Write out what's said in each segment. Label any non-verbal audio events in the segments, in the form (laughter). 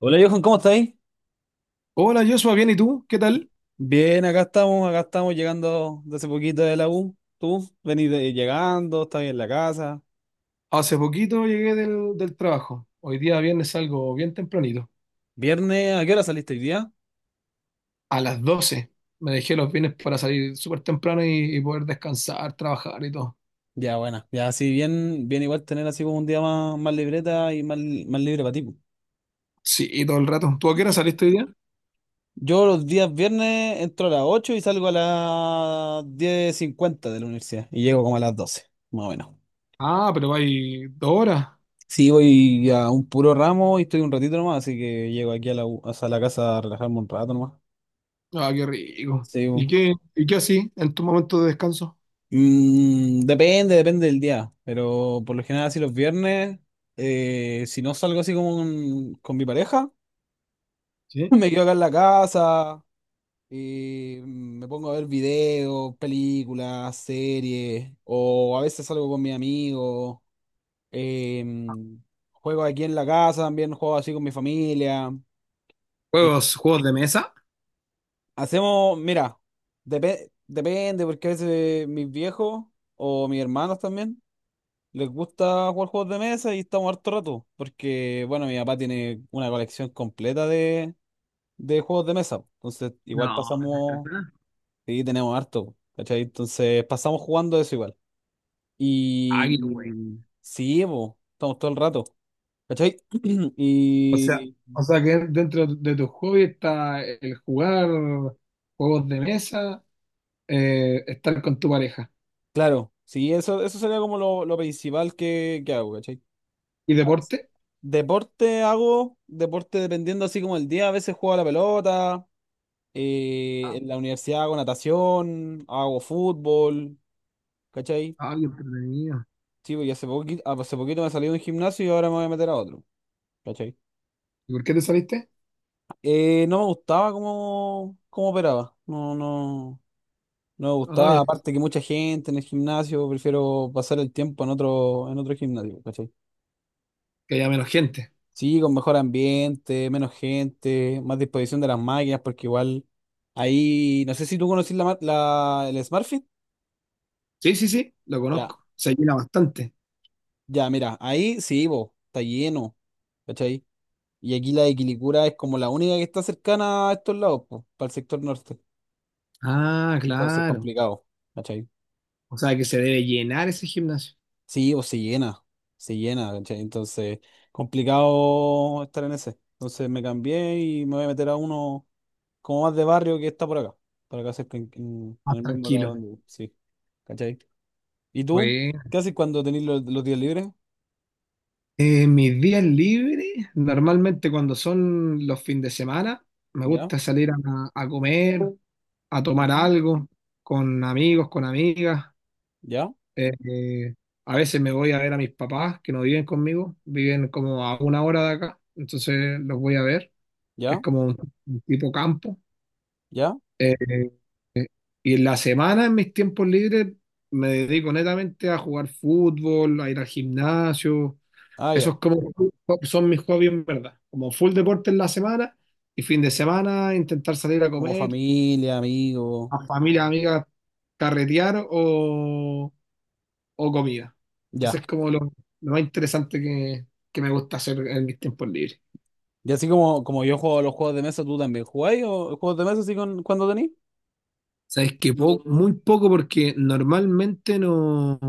Hola Johan, ¿cómo estáis? Hola Joshua, bien, ¿y tú? ¿Qué tal? Bien, acá estamos llegando de hace poquito de la U. Tú venís llegando, estás bien en la casa. Hace poquito llegué del trabajo. Hoy día viernes salgo bien tempranito. Viernes, ¿a qué hora saliste hoy día? A las 12 me dejé los viernes para salir súper temprano y poder descansar, trabajar y todo. Ya, bueno, ya así bien igual tener así como un día más libreta y más libre para ti, po. Sí, y todo el rato. ¿Tú a qué hora saliste hoy día? Yo los días viernes entro a las 8 y salgo a las 10:50 de la universidad y llego como a las 12, más o menos. Ah, pero hay 2 horas. Sí, voy a un puro ramo y estoy un ratito nomás, así que llego aquí a la U, o sea, a la casa a relajarme un rato nomás. Ah, qué rico. Sí, ¿Y qué así en tu momento de descanso? Mm, depende del día, pero por lo general así los viernes, si no salgo así como con mi pareja, (laughs) ¿Sí? me quedo acá en la casa y me pongo a ver videos, películas, series, o a veces salgo con mis amigos, em, juego aquí en la casa también, juego así con mi familia. eh, ¿Juegos, juegos de mesa? hacemos, mira, depende porque a veces mis viejos o mis hermanos también. Les gusta jugar juegos de mesa y estamos harto rato, porque, bueno, mi papá tiene una colección completa de juegos de mesa. Entonces, igual No, ¿de pasamos, verdad? sí, tenemos harto, ¿cachai? Entonces, pasamos jugando eso igual. Ah, Y qué güey. sí, po, estamos todo el rato, ¿cachai? (clears throat) O sea, Y o sea que dentro de tus hobbies está el jugar juegos de mesa. Estar con tu pareja. claro, sí, eso sería como lo principal que hago, ¿cachai? ¿Y A veces- deporte? Deporte hago, deporte dependiendo así como el día, a veces juego a la pelota. Ah, En la universidad hago natación, hago fútbol, ¿cachai? ah, qué entretenido. Sí, pues, y hace poquito me salí de un gimnasio y ahora me voy a meter a otro, ¿cachai? ¿Y por qué te saliste? No me gustaba cómo operaba, no, no, no me Ah, gustaba, aparte que mucha gente en el gimnasio, prefiero pasar el tiempo en otro gimnasio, ¿cachai? que haya menos gente. Sí, con mejor ambiente, menos gente, más disposición de las máquinas, porque igual ahí, no sé si tú conocís el SmartFit. Sí, sí, sí, lo Ya. conozco. Se llena bastante. Ya, mira, ahí sí, vos, está lleno, ¿cachai? Y aquí la de Quilicura es como la única que está cercana a estos lados, pues, para el sector norte. Ah, Entonces, claro. complicado, ¿cachai? O sea que se debe llenar ese gimnasio. Sí, o se llena, ¿cachai? Entonces, complicado estar en ese. Entonces, me cambié y me voy a meter a uno como más de barrio que está por acá, para acá cerca, en, en- Más en el mismo lado tranquilo. donde vivo, sí, ¿cachai? ¿Y tú? Bueno. ¿Qué haces cuando tenés los días libres? Mis días libres, normalmente cuando son los fines de semana, me ¿Ya? gusta salir a comer, a tomar Ujú. algo, con amigos, con amigas. ¿Ya? Eh, eh, a veces me voy a ver a mis papás que no viven conmigo, viven como a una hora de acá, entonces los voy a ver, que es ¿Ya? como un tipo campo. ¿Ya? Eh, y en la semana, en mis tiempos libres, me dedico netamente a jugar fútbol, a ir al gimnasio. Ah, ya. Esos como, son mis hobbies en verdad, como full deporte en la semana y fin de semana intentar salir a Como comer, familia, amigos. a familia, amigas, carretear o comida. Ese Ya. es como lo más interesante que me gusta hacer en mis tiempos libres. Y así como yo juego a los juegos de mesa, ¿tú también jugáis o juegos de mesa así con, cuando tenéis? Sabes que muy poco porque normalmente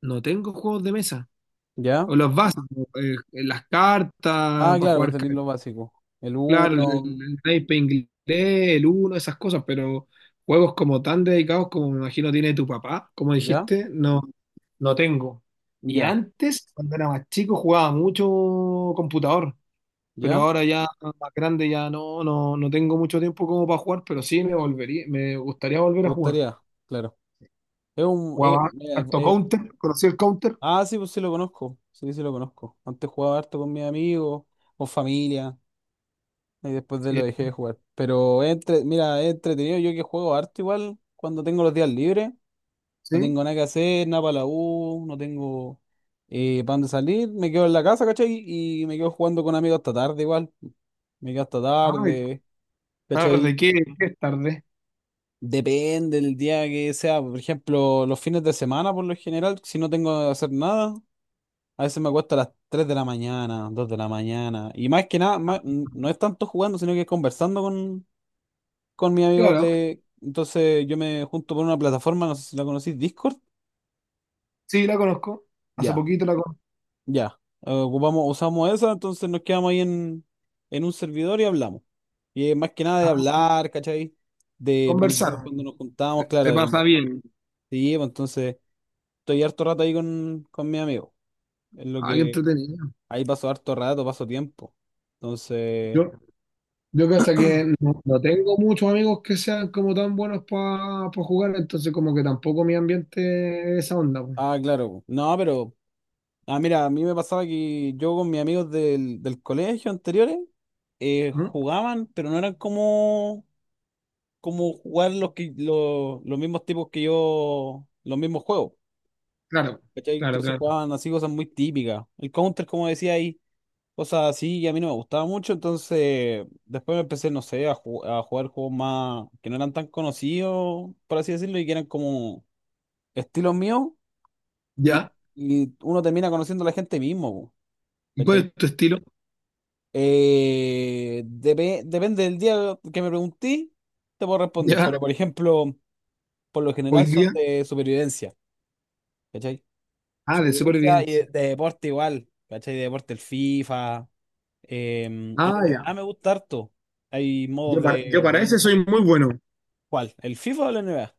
no tengo juegos de mesa. Ya. O los vasos, las cartas, Ah, para claro, pues jugar, tenéis lo básico. El claro, uno. el naipe inglés, el uno, esas cosas, pero juegos como tan dedicados como me imagino tiene tu papá, como Ya. dijiste, no, no tengo. Y Ya. antes, cuando era más chico, jugaba mucho computador. Pero Ya. ahora ya más grande ya no tengo mucho tiempo como para jugar, pero sí me volvería, me gustaría volver ¿Te a jugar. gustaría? Claro. Es un, Jugaba mira, harto Counter, conocí el Counter, ah, sí, pues sí lo conozco. Sí, sí lo conozco. Antes jugaba harto con mis amigos, con familia. Y después de lo sí, dejé de jugar. Pero es mira, es entretenido yo que juego harto igual cuando tengo los días libres. No sí. tengo nada que hacer, nada para la U, no tengo para dónde salir. Me quedo en la casa, ¿cachai? Y me quedo jugando con amigos hasta tarde igual. Me quedo hasta Ay, tarde, tarde, ¿cachai? ¿qué es tarde? Depende del día que sea. Por ejemplo, los fines de semana, por lo general, si no tengo que hacer nada, a veces me acuesto a las 3 de la mañana, 2 de la mañana. Y más que nada, no es tanto jugando, sino que conversando con mis amigos Claro, de... Entonces yo me junto por una plataforma, no sé si la conocís, Discord. sí la conozco, hace Ya. poquito la Ya, ocupamos, usamos esa, entonces nos quedamos ahí en un servidor y hablamos. Y más que nada de ah, hablar, ¿cachai? De planificar conversaron, cuando nos juntamos, claro, se de pasa compartir. bien, Sí, pues, entonces estoy harto rato ahí con mi amigo. Es lo ah, qué que entretenido. ahí paso harto rato, paso tiempo. Entonces, Yo, yo que hasta que no tengo muchos amigos que sean como tan buenos para jugar, entonces como que tampoco mi ambiente es esa onda, pues. ah, claro. No, pero, ah, mira, a mí me pasaba que yo con mis amigos del colegio anteriores ¿Mm? jugaban, pero no eran como jugar los, que, los mismos tipos que yo, los mismos juegos. Claro, ¿Cachai? claro, Entonces claro. jugaban así cosas muy típicas. El Counter, como decía ahí, cosas así, y a mí no me gustaba mucho. Entonces, después me empecé, no sé, a jugar juegos más que no eran tan conocidos, por así decirlo, y que eran como estilos míos. Y, ¿Ya? y uno termina conociendo a la gente mismo, po, ¿Y cuál ¿cachai? es tu estilo? Depende del día que me pregunté, te puedo responder, Ya, pero por ejemplo, por lo hoy general son día. de supervivencia. ¿Cachai? Su Ah, de vivencia y de, supervivencia. de deporte igual, ¿cachai? De deporte, el FIFA, el Ah, ya. NBA me gusta harto. Hay Yo modos para, yo de, para del ese NBA. soy muy bueno. ¿Cuál? ¿El FIFA o el NBA?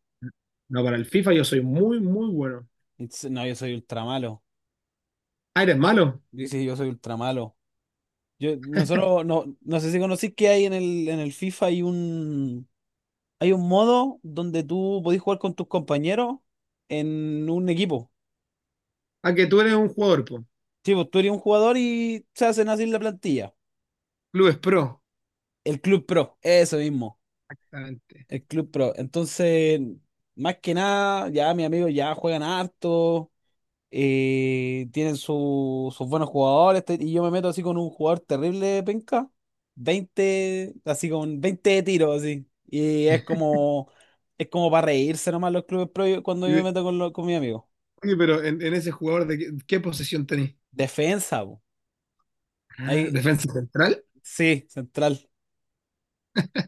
No, para el FIFA yo soy muy, muy bueno. Dice, no, yo soy ultra malo. Ah, eres malo. Dice, yo soy ultra malo. Yo, nosotros, no, no sé si conocís que hay en el FIFA, hay un modo donde tú podés jugar con tus compañeros en un equipo. Ah, que tú eres un jugador, po. Sí, pues tú eres un jugador y se hacen así la plantilla. Clubes Pro. El Club Pro, eso mismo. Exactamente. El Club Pro. Entonces, más que nada, ya mis amigos ya juegan harto, tienen sus buenos jugadores, y yo me meto así con un jugador terrible, penca, 20 así con 20 de tiro, así. Y es como para reírse nomás los clubes pro cuando Y yo me de- meto con mi amigo. oye, pero en ese jugador, ¿de qué, qué posición tenés? Defensa, po. Ah, Ahí, ¿defensa central? sí, central.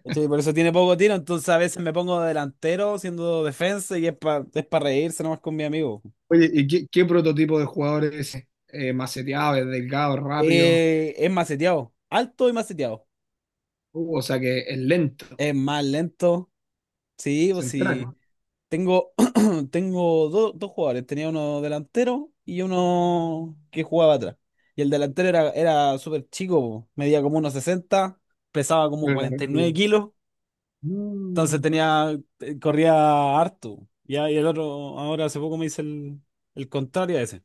¿Cachai? Por eso tiene poco tiro, entonces a veces me pongo delantero siendo defensa y es pa reírse nomás con mi amigo. Oye, ¿y qué, qué prototipo de jugador es ese? Maceteado, es delgado, rápido. Es maceteado, alto y maceteado. O sea que es lento. Es más lento. Sí, pues Central. sí. Tengo, (clears throat) tengo dos jugadores. Tenía uno delantero y uno que jugaba atrás. Y el delantero era súper chico, po, medía como unos 60, pesaba como Pero era 49 rápido. kilos. Entonces Mm. tenía, corría harto. Ya, y el otro, ahora hace poco me hice el contrario a ese.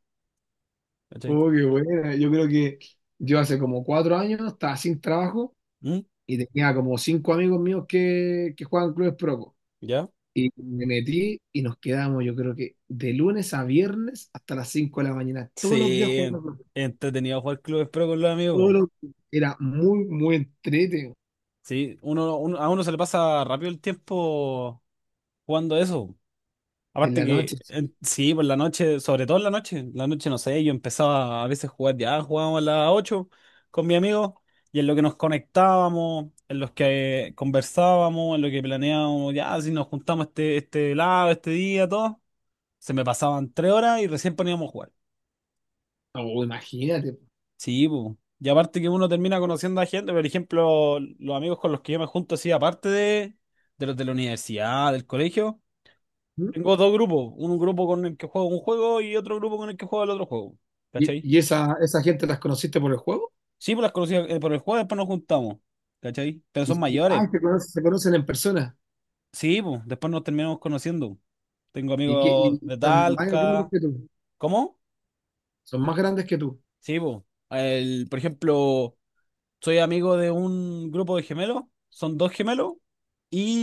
¿Cachai? Oh, qué buena. Yo creo que yo hace como 4 años estaba sin trabajo ¿Mm? y tenía como cinco amigos míos que juegan clubes pro. ¿Ya? Y me metí y nos quedamos, yo creo que de lunes a viernes hasta las 5 de la mañana, todos los días Sí, jugando. Pro. entretenido jugar clubes pro con los Todos amigos. los días. Era muy, muy entrete Sí, a uno se le pasa rápido el tiempo jugando eso. en Aparte la noche. que, sí, por la noche, sobre todo en la noche no sé, yo empezaba a veces a jugar ya, jugábamos a las 8 con mi amigo, y en lo que nos conectábamos, en los que conversábamos, en lo que planeábamos, ya, si nos juntamos este lado, este día, todo, se me pasaban 3 horas y recién poníamos a jugar. Oh, imagínate. Sí, po. Y aparte que uno termina conociendo a gente, por ejemplo, los amigos con los que yo me junto, así, aparte de los de la universidad, del colegio, ¿Mm? tengo dos grupos, un grupo con el que juego un juego y otro grupo con el que juego el otro juego, ¿Y, ¿cachai? y esa gente las conociste por el juego? Sí, pues las conocí por el juego, después nos juntamos, ¿cachai? Pero son Y- y- mayores, Ah, se conocen en persona. sí, pues, después nos terminamos conociendo. Tengo Y amigos de son más grandes Talca, que tú. ¿cómo? Son más grandes que tú. Sí, pues, el, por ejemplo... Soy amigo de un grupo de gemelos, son dos gemelos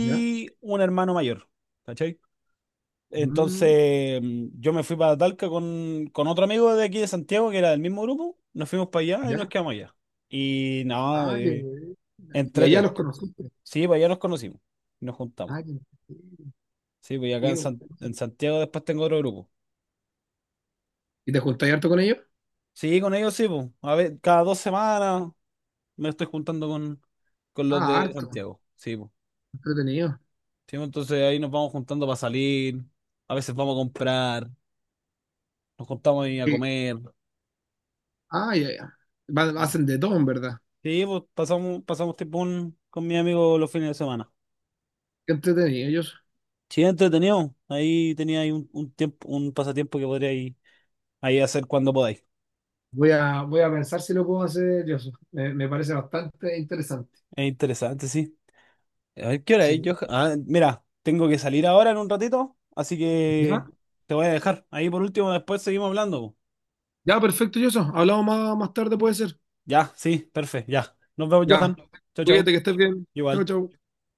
¿Ya? un hermano mayor, ¿cachai? Mm, Entonces yo me fui para Talca con otro amigo de aquí de Santiago que era del mismo grupo, nos fuimos para allá y nos ¿Ya? quedamos allá. Y nada, Ah, ya, güey. Y allá entrete. los conociste. Sí, para allá nos conocimos y nos juntamos. Ah, qué entretenido, Sí, pues y acá qué en, bueno. San- en Santiago después tengo otro grupo. ¿Y te juntáis harto con ellos? Sí, con ellos sí, pues. A ver, cada 2 semanas me estoy juntando con los Ah, de harto. Santiago. Sí, pues. Entretenido. Sí, pues, entonces ahí nos vamos juntando para salir, a veces vamos a comprar, nos juntamos ahí a Sí. comer. Ah, ya, ya. Hacen de todo, en verdad. Sí, pues pasamos tiempo con mi amigo los fines de semana. Qué entretenido ellos. Sí, entretenido. Ahí tenía ahí un tiempo, un pasatiempo que podríais ahí hacer cuando podáis. Voy a pensar si lo puedo hacer yo. Me parece bastante interesante. Es interesante, sí. A ver, ¿qué hora es, Sí. Johan? Ah, mira, tengo que salir ahora en un ratito, así ¿Ya? que te voy a dejar. Ahí por último, después seguimos hablando, po. Ya, perfecto, Yoso. Hablamos más, más tarde, puede ser. Ya, sí, perfecto, ya. Nos vemos, Ya. Johan. Chau, Cuídate, chau. que estés bien. Chao, Igual. chao.